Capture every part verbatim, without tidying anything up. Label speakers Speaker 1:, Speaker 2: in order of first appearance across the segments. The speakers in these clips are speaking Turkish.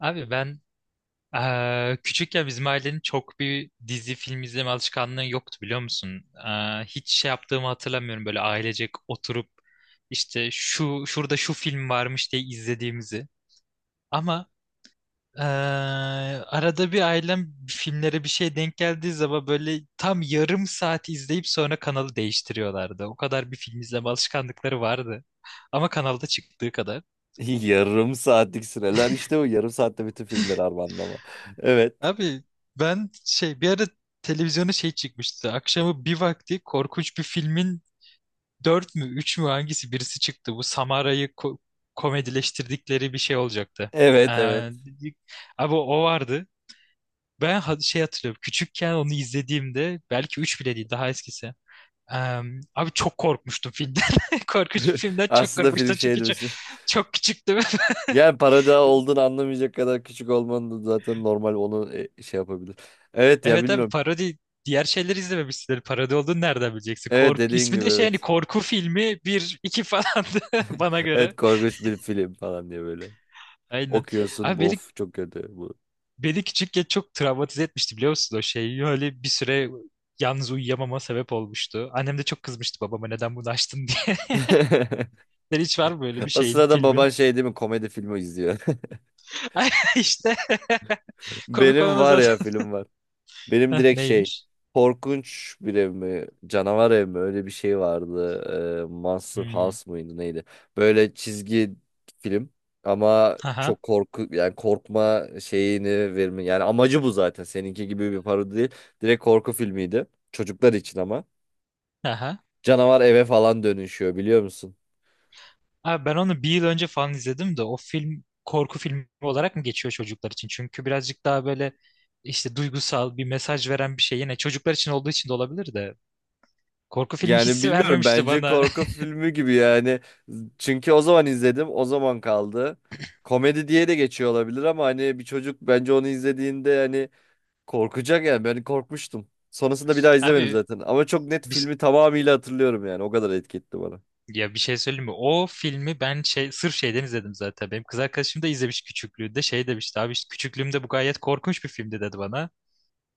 Speaker 1: Abi ben eee küçükken bizim ailenin çok bir dizi film izleme alışkanlığı yoktu biliyor musun? Eee, hiç şey yaptığımı hatırlamıyorum böyle ailecek oturup işte şu şurada şu film varmış diye izlediğimizi. Ama eee, arada bir ailem filmlere bir şey denk geldiği zaman böyle tam yarım saat izleyip sonra kanalı değiştiriyorlardı. O kadar bir film izleme alışkanlıkları vardı. Ama kanalda çıktığı kadar.
Speaker 2: Yarım saatlik süreler işte bu yarım saatte bütün filmleri armağanlama. Evet.
Speaker 1: Abi ben şey bir ara televizyona şey çıkmıştı. Akşamı bir vakti korkunç bir filmin dört mü üç mü hangisi birisi çıktı. Bu Samara'yı ko- komedileştirdikleri bir şey olacaktı. Ee,
Speaker 2: Evet evet.
Speaker 1: abi o vardı. Ben ha- şey hatırlıyorum. Küçükken onu izlediğimde belki üç bile değil, daha eskisi. Ee, abi çok korkmuştum filmden. Korkunç bir filmden çok
Speaker 2: Aslında film
Speaker 1: korkmuştum
Speaker 2: şey
Speaker 1: çünkü çok,
Speaker 2: demişti.
Speaker 1: çok küçüktüm.
Speaker 2: Yani parada olduğunu anlamayacak kadar küçük olmanın da zaten normal onu e, şey yapabilir. Evet ya
Speaker 1: Evet abi,
Speaker 2: bilmiyorum.
Speaker 1: parodi diğer şeyleri izlememişsindir. Parodi olduğunu nereden bileceksin?
Speaker 2: Evet
Speaker 1: Korku
Speaker 2: dediğin
Speaker 1: ismi
Speaker 2: gibi
Speaker 1: de şey, hani
Speaker 2: evet.
Speaker 1: korku filmi bir iki falandı bana göre.
Speaker 2: Evet korkunç bir film falan diye böyle.
Speaker 1: Aynen.
Speaker 2: Okuyorsun
Speaker 1: Abi
Speaker 2: bu
Speaker 1: beni,
Speaker 2: of çok kötü bu.
Speaker 1: beni küçükken çok travmatize etmişti biliyor musun o şey? Öyle bir süre yalnız uyuyamama sebep olmuştu. Annem de çok kızmıştı babama, neden bunu açtın diye. Senin hiç var mı böyle bir
Speaker 2: O
Speaker 1: şeyin,
Speaker 2: sırada baban
Speaker 1: filmin?
Speaker 2: şey değil mi komedi filmi izliyor.
Speaker 1: Ay, İşte komik
Speaker 2: Benim
Speaker 1: olan o
Speaker 2: var
Speaker 1: zaten.
Speaker 2: ya film var. Benim
Speaker 1: Heh,
Speaker 2: direkt şey
Speaker 1: neymiş?
Speaker 2: korkunç bir ev mi canavar ev mi öyle bir şey vardı. Ee, Monster
Speaker 1: Hmm.
Speaker 2: House mıydı neydi? Böyle çizgi film ama
Speaker 1: Aha.
Speaker 2: çok korku yani korkma şeyini verme yani amacı bu zaten seninki gibi bir parodi değil. Direkt korku filmiydi çocuklar için ama
Speaker 1: Aha.
Speaker 2: canavar eve falan dönüşüyor biliyor musun?
Speaker 1: Abi ben onu bir yıl önce falan izledim de o film korku filmi olarak mı geçiyor çocuklar için? Çünkü birazcık daha böyle işte duygusal bir mesaj veren bir şey, yine çocuklar için olduğu için de olabilir de korku filmi
Speaker 2: Yani
Speaker 1: hissi
Speaker 2: bilmiyorum
Speaker 1: vermemişti
Speaker 2: bence
Speaker 1: bana.
Speaker 2: korku filmi gibi yani. Çünkü o zaman izledim, o zaman kaldı. Komedi diye de geçiyor olabilir ama hani bir çocuk bence onu izlediğinde hani korkacak yani ben korkmuştum. Sonrasında bir daha izlemedim
Speaker 1: Abi
Speaker 2: zaten ama çok net
Speaker 1: bir,
Speaker 2: filmi tamamıyla hatırlıyorum yani o kadar etki etti bana.
Speaker 1: ya bir şey söyleyeyim mi? O filmi ben şey, sırf şeyden izledim zaten. Benim kız arkadaşım da izlemiş küçüklüğünde, şey demişti, abi işte küçüklüğümde bu gayet korkunç bir filmdi dedi bana.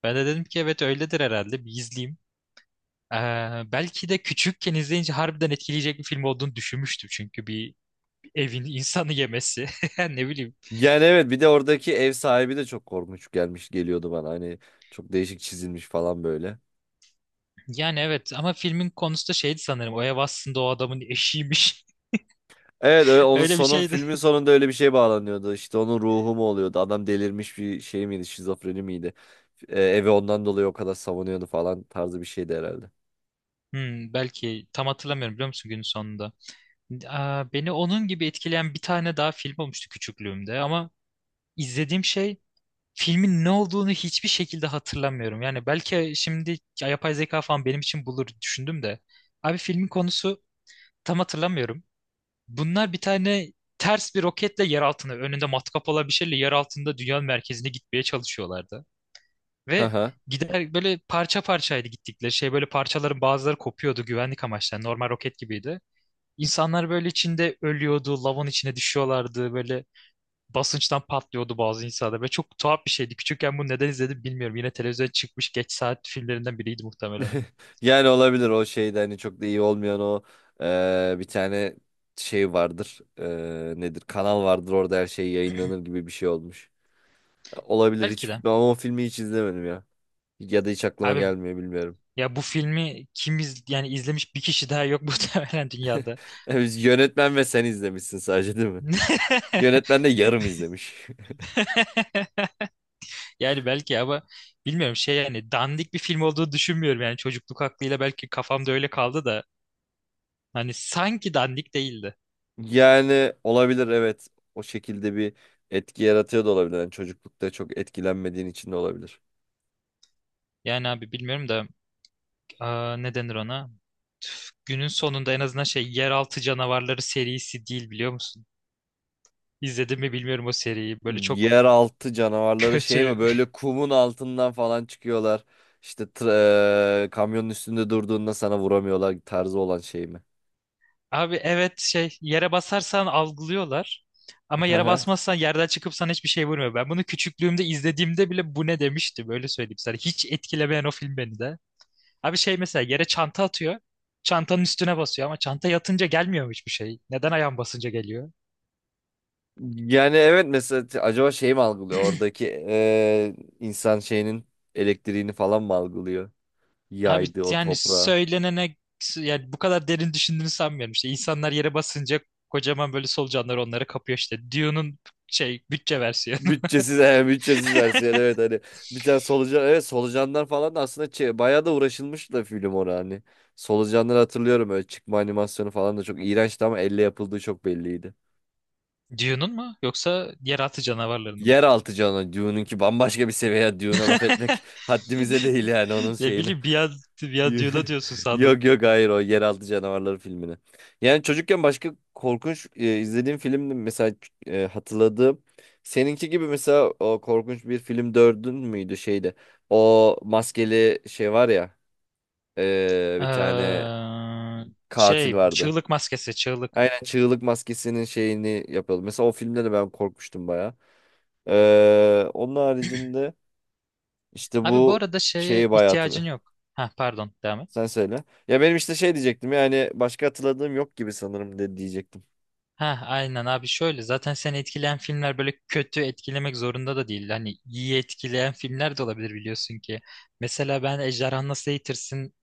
Speaker 1: Ben de dedim ki evet öyledir herhalde, bir izleyeyim. Ee, belki de küçükken izleyince harbiden etkileyecek bir film olduğunu düşünmüştüm. Çünkü bir evin insanı yemesi. Ne bileyim.
Speaker 2: Yani evet bir de oradaki ev sahibi de çok korkunç gelmiş geliyordu bana hani çok değişik çizilmiş falan böyle.
Speaker 1: Yani evet, ama filmin konusu da şeydi sanırım. O ev aslında o adamın eşiymiş.
Speaker 2: Evet, ö- onun
Speaker 1: Öyle bir
Speaker 2: sonun
Speaker 1: şeydi.
Speaker 2: filmin sonunda öyle bir şey bağlanıyordu. İşte onun ruhu mu oluyordu? Adam delirmiş bir şey miydi? Şizofreni miydi? E, evi ondan dolayı o kadar savunuyordu falan tarzı bir şeydi herhalde.
Speaker 1: Hmm, belki tam hatırlamıyorum biliyor musun, günün sonunda. Aa, beni onun gibi etkileyen bir tane daha film olmuştu küçüklüğümde ama izlediğim şey, filmin ne olduğunu hiçbir şekilde hatırlamıyorum. Yani belki şimdi yapay zeka falan benim için bulur düşündüm de. Abi filmin konusu tam hatırlamıyorum. Bunlar bir tane ters bir roketle yer altına, önünde matkap olan bir şeyle yer altında dünyanın merkezine gitmeye çalışıyorlardı. Ve
Speaker 2: Aha.
Speaker 1: gider, böyle parça parçaydı gittikleri şey, böyle parçaların bazıları kopuyordu güvenlik amaçlı. Yani normal roket gibiydi. İnsanlar böyle içinde ölüyordu, lavın içine düşüyorlardı, böyle basınçtan patlıyordu bazı insanlar. Ve çok tuhaf bir şeydi. Küçükken bunu neden izledim bilmiyorum. Yine televizyona çıkmış geç saat filmlerinden biriydi muhtemelen.
Speaker 2: Yani olabilir o şeyde hani çok da iyi olmayan o e, bir tane şey vardır. E, nedir? Kanal vardır orada her şey yayınlanır gibi bir şey olmuş. Olabilir
Speaker 1: Belki
Speaker 2: hiç
Speaker 1: de.
Speaker 2: ben o filmi hiç izlemedim ya. Ya da hiç aklıma
Speaker 1: Abi
Speaker 2: gelmiyor bilmiyorum.
Speaker 1: ya, bu filmi kim iz yani izlemiş bir kişi daha yok muhtemelen dünyada.
Speaker 2: Biz yönetmen ve sen izlemişsin sadece değil mi? Yönetmen de yarım izlemiş.
Speaker 1: Yani belki, ama bilmiyorum şey, yani dandik bir film olduğu düşünmüyorum. Yani çocukluk aklıyla belki kafamda öyle kaldı da hani sanki dandik değildi.
Speaker 2: Yani olabilir evet. O şekilde bir etki yaratıyor da olabilir. Yani çocuklukta çok etkilenmediğin için de olabilir.
Speaker 1: Yani abi bilmiyorum da, aa, ne denir ona? Günün sonunda en azından şey, Yeraltı Canavarları serisi değil biliyor musun? İzledin mi bilmiyorum o seriyi. Böyle çok
Speaker 2: Yeraltı canavarları şey mi
Speaker 1: kötü.
Speaker 2: böyle kumun altından falan çıkıyorlar. İşte tra- eee, kamyonun üstünde durduğunda sana vuramıyorlar tarzı olan şey mi?
Speaker 1: Abi evet, şey, yere basarsan algılıyorlar. Ama yere
Speaker 2: Aha.
Speaker 1: basmazsan yerden çıkıp sana hiçbir şey vurmuyor. Ben bunu küçüklüğümde izlediğimde bile bu ne demiştim, öyle söyleyeyim sana. Hiç etkilemeyen o film beni de. Abi şey, mesela yere çanta atıyor. Çantanın üstüne basıyor ama çanta yatınca gelmiyor hiçbir şey. Neden ayağın basınca geliyor?
Speaker 2: Yani evet mesela t- acaba şey mi algılıyor oradaki eee, insan şeyinin elektriğini falan mı algılıyor?
Speaker 1: Abi
Speaker 2: Yaydı o
Speaker 1: yani
Speaker 2: toprağa.
Speaker 1: söylenene, yani bu kadar derin düşündüğünü sanmıyorum. İşte insanlar yere basınca kocaman böyle solucanlar onları kapıyor işte. Dune'un şey, bütçe versiyonu.
Speaker 2: Bütçesiz, he, bütçesiz versiyon evet hani bir tane solucan evet solucanlar falan da aslında çe- bayağı da uğraşılmış da film orada hani. Solucanları hatırlıyorum öyle çıkma animasyonu falan da çok iğrençti ama elle yapıldığı çok belliydi.
Speaker 1: Dune'un mu yoksa yeraltı canavarlarının mı?
Speaker 2: Yeraltı canı Dune'un ki bambaşka bir seviye Dune'a laf etmek haddimize değil yani onun
Speaker 1: Ne
Speaker 2: şeyini.
Speaker 1: bileyim, bir an, bir an Dune'a diyorsun sandım.
Speaker 2: Yok yok hayır o Yeraltı Canavarları filmini. Yani çocukken başka korkunç e, izlediğim film mesela e, hatırladığım seninki gibi mesela o korkunç bir film dördün müydü şeyde. O maskeli şey var ya e, bir tane
Speaker 1: Eee,
Speaker 2: katil
Speaker 1: şey,
Speaker 2: vardı.
Speaker 1: çığlık maskesi, çığlık.
Speaker 2: Aynen çığlık maskesinin şeyini yapıyordu. Mesela o filmde de ben korkmuştum baya. E, onun haricinde işte
Speaker 1: Abi bu
Speaker 2: bu
Speaker 1: arada şeye
Speaker 2: şeyi bayağı
Speaker 1: ihtiyacın
Speaker 2: hatırlıyorum.
Speaker 1: yok. Ha pardon, devam et.
Speaker 2: Sen söyle. Ya benim işte şey diyecektim yani başka hatırladığım yok gibi sanırım de diyecektim.
Speaker 1: Ha aynen abi, şöyle zaten seni etkileyen filmler böyle kötü etkilemek zorunda da değil. Hani iyi etkileyen filmler de olabilir biliyorsun ki. Mesela ben Ejderha Nasıl Eğitirsin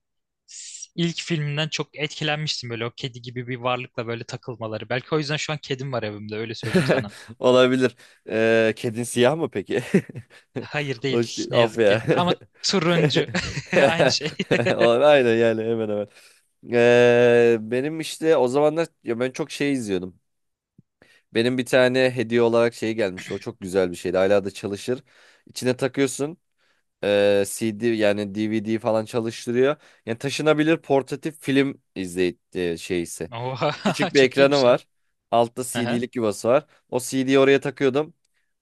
Speaker 1: s- ilk filminden çok etkilenmiştim, böyle o kedi gibi bir varlıkla böyle takılmaları. Belki o yüzden şu an kedim var evimde, öyle söyleyeyim sana.
Speaker 2: Olabilir. Ee, kedin siyah mı peki?
Speaker 1: Hayır
Speaker 2: O
Speaker 1: değil
Speaker 2: şey,
Speaker 1: ne
Speaker 2: of
Speaker 1: yazık ki,
Speaker 2: ya.
Speaker 1: ama turuncu aynı şey.
Speaker 2: Aynen yani hemen hemen. Ee, benim işte o zamanlar ya ben çok şey izliyordum. Benim bir tane hediye olarak şey gelmişti. O çok güzel bir şeydi. Hala da çalışır. İçine takıyorsun. e, C D yani D V D falan çalıştırıyor. Yani taşınabilir portatif film izley e, şeysi.
Speaker 1: Oha
Speaker 2: Küçük bir
Speaker 1: çok
Speaker 2: ekranı
Speaker 1: iyiymiş lan.
Speaker 2: var. Altta
Speaker 1: Aha,
Speaker 2: C D'lik yuvası var. O C D'yi oraya takıyordum.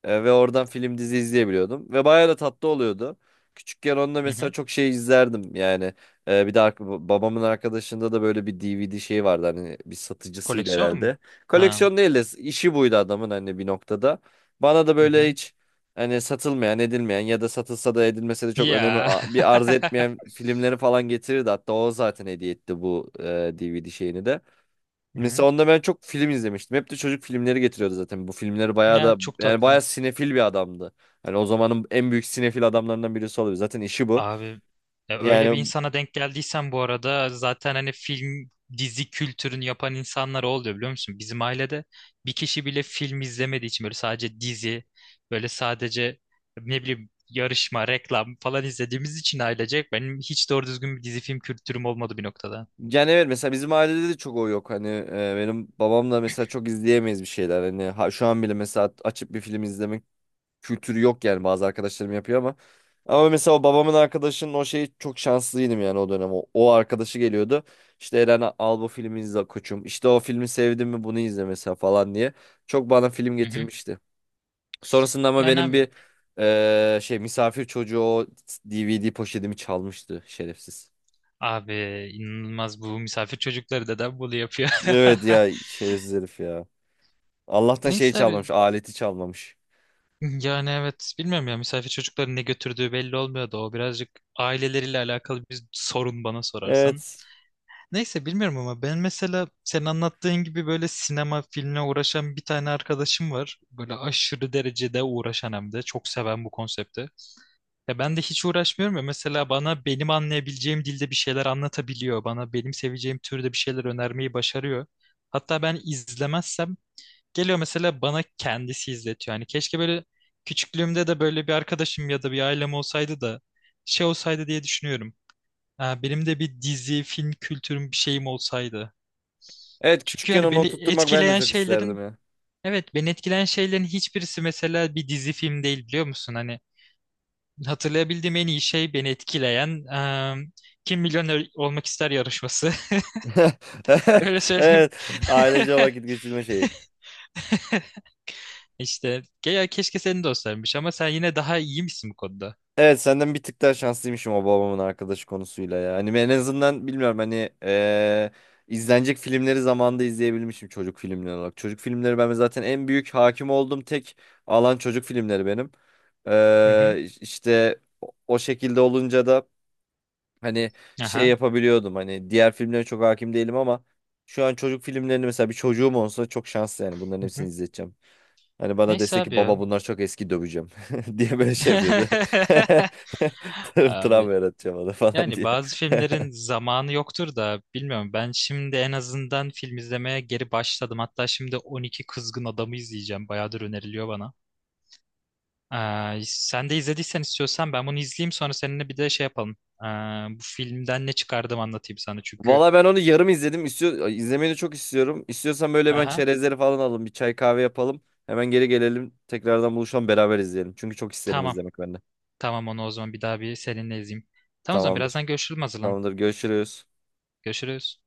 Speaker 2: E, ve oradan film dizi izleyebiliyordum. Ve bayağı da tatlı oluyordu. Küçükken onda
Speaker 1: hı
Speaker 2: mesela
Speaker 1: hı.
Speaker 2: çok şey izlerdim yani. E, bir de ark- babamın arkadaşında da böyle bir D V D şeyi vardı hani bir satıcısıydı
Speaker 1: Koleksiyon mu?
Speaker 2: herhalde.
Speaker 1: Ha.
Speaker 2: Koleksiyon değil de işi buydu adamın hani bir noktada. Bana da
Speaker 1: Hı
Speaker 2: böyle
Speaker 1: hı.
Speaker 2: hiç hani satılmayan edilmeyen ya da satılsa da edilmese de çok önemi
Speaker 1: Ya.
Speaker 2: a- bir arz etmeyen filmleri falan getirirdi. Hatta o zaten hediye etti bu e, D V D şeyini de.
Speaker 1: Hı hı.
Speaker 2: Mesela onda ben çok film izlemiştim. Hep de çocuk filmleri getiriyordu zaten. Bu filmleri bayağı
Speaker 1: Ya
Speaker 2: da
Speaker 1: çok
Speaker 2: yani bayağı
Speaker 1: tatlı.
Speaker 2: sinefil bir adamdı. Yani o zamanın en büyük sinefil adamlarından birisi olabilir. Zaten işi bu.
Speaker 1: Abi ya, öyle bir
Speaker 2: Yani
Speaker 1: insana denk geldiysen bu arada zaten hani film dizi kültürünü yapan insanlar o oluyor biliyor musun? Bizim ailede bir kişi bile film izlemediği için, böyle sadece dizi, böyle sadece ne bileyim yarışma, reklam falan izlediğimiz için ailecek benim hiç doğru düzgün bir dizi film kültürüm olmadı bir noktada.
Speaker 2: yani evet mesela bizim ailede de çok o yok. Hani e, benim babamla mesela çok izleyemeyiz bir şeyler. Hani ha- şu an bile mesela açıp bir film izlemek kültürü yok yani bazı arkadaşlarım yapıyor ama. Ama mesela o babamın arkadaşının o şeyi çok şanslıydım yani o dönem. O, o arkadaşı geliyordu. İşte Eren al bu filmi izle koçum. İşte o filmi sevdim mi bunu izle mesela falan diye. Çok bana film
Speaker 1: Hı hı.
Speaker 2: getirmişti. Sonrasında ama
Speaker 1: Yani
Speaker 2: benim
Speaker 1: abi
Speaker 2: bir eee, şey misafir çocuğu o D V D poşetimi çalmıştı şerefsiz.
Speaker 1: abi inanılmaz bu misafir çocukları da bunu yapıyor.
Speaker 2: Evet ya şerefsiz herif ya. Allah'tan şeyi
Speaker 1: Neyse abi,
Speaker 2: çalmamış, aleti çalmamış.
Speaker 1: yani evet bilmiyorum ya, misafir çocukların ne götürdüğü belli olmuyordu. O birazcık aileleriyle alakalı bir sorun, bana sorarsan.
Speaker 2: Evet.
Speaker 1: Neyse bilmiyorum ama ben mesela senin anlattığın gibi böyle sinema filmle uğraşan bir tane arkadaşım var. Böyle aşırı derecede uğraşan, hem de çok seven bu konsepti. Ya ben de hiç uğraşmıyorum ya mesela, bana benim anlayabileceğim dilde bir şeyler anlatabiliyor. Bana benim seveceğim türde bir şeyler önermeyi başarıyor. Hatta ben izlemezsem geliyor mesela bana kendisi izletiyor. Hani keşke böyle küçüklüğümde de böyle bir arkadaşım ya da bir ailem olsaydı da şey olsaydı diye düşünüyorum. Ha, benim de bir dizi, film kültürüm, bir şeyim olsaydı.
Speaker 2: Evet
Speaker 1: Çünkü
Speaker 2: küçükken
Speaker 1: hani
Speaker 2: onu
Speaker 1: beni
Speaker 2: oturtturmak ben de
Speaker 1: etkileyen
Speaker 2: çok isterdim
Speaker 1: şeylerin
Speaker 2: ya.
Speaker 1: evet beni etkileyen şeylerin hiçbirisi mesela bir dizi film değil biliyor musun? Hani hatırlayabildiğim en iyi şey beni etkileyen, em, Kim Milyoner Olmak ister yarışması. Öyle söyleyeyim.
Speaker 2: Evet. Ailece vakit geçirme şeyi.
Speaker 1: İşte ke- ya keşke senin de olsaymış, ama sen yine daha iyi misin bu konuda?
Speaker 2: Evet senden bir tık daha şanslıymışım o babamın arkadaşı konusuyla ya. Hani ben en azından bilmiyorum hani eee, izlenecek filmleri zamanında izleyebilmişim çocuk filmleri olarak. Çocuk filmleri ben zaten en büyük hakim olduğum tek alan çocuk filmleri benim.
Speaker 1: Hı hı.
Speaker 2: Eee işte o o şekilde olunca da hani şey
Speaker 1: Aha.
Speaker 2: yapabiliyordum. Hani diğer filmlere çok hakim değilim ama şu an çocuk filmlerini mesela bir çocuğum olsa çok şanslı yani bunların
Speaker 1: Hı
Speaker 2: hepsini
Speaker 1: hı.
Speaker 2: izleteceğim. Hani bana
Speaker 1: Neyse
Speaker 2: dese
Speaker 1: abi
Speaker 2: ki
Speaker 1: ya.
Speaker 2: baba bunlar çok eski döveceğim diye böyle şey yapıyordu. Tır-
Speaker 1: Abi.
Speaker 2: Travma yaratacağım ona falan
Speaker 1: Yani
Speaker 2: diye.
Speaker 1: bazı filmlerin zamanı yoktur da bilmiyorum. Ben şimdi en azından film izlemeye geri başladım. Hatta şimdi on iki Kızgın Adam'ı izleyeceğim. Bayağıdır öneriliyor bana. Ee, sen de izlediysen, istiyorsan ben bunu izleyeyim sonra seninle bir de şey yapalım. Ee, bu filmden ne çıkardım anlatayım sana çünkü.
Speaker 2: Valla ben onu yarım izledim. İstiyor, izlemeyi de çok istiyorum. İstiyorsan böyle hemen
Speaker 1: Aha.
Speaker 2: çerezleri falan alalım. Bir çay kahve yapalım. Hemen geri gelelim. Tekrardan buluşalım beraber izleyelim. Çünkü çok isterim
Speaker 1: Tamam.
Speaker 2: izlemek ben de.
Speaker 1: Tamam, onu o zaman bir daha, bir seninle izleyeyim. Tamam, o zaman
Speaker 2: Tamamdır.
Speaker 1: birazdan görüşürüz, hazırlan.
Speaker 2: Tamamdır. Görüşürüz.
Speaker 1: Görüşürüz.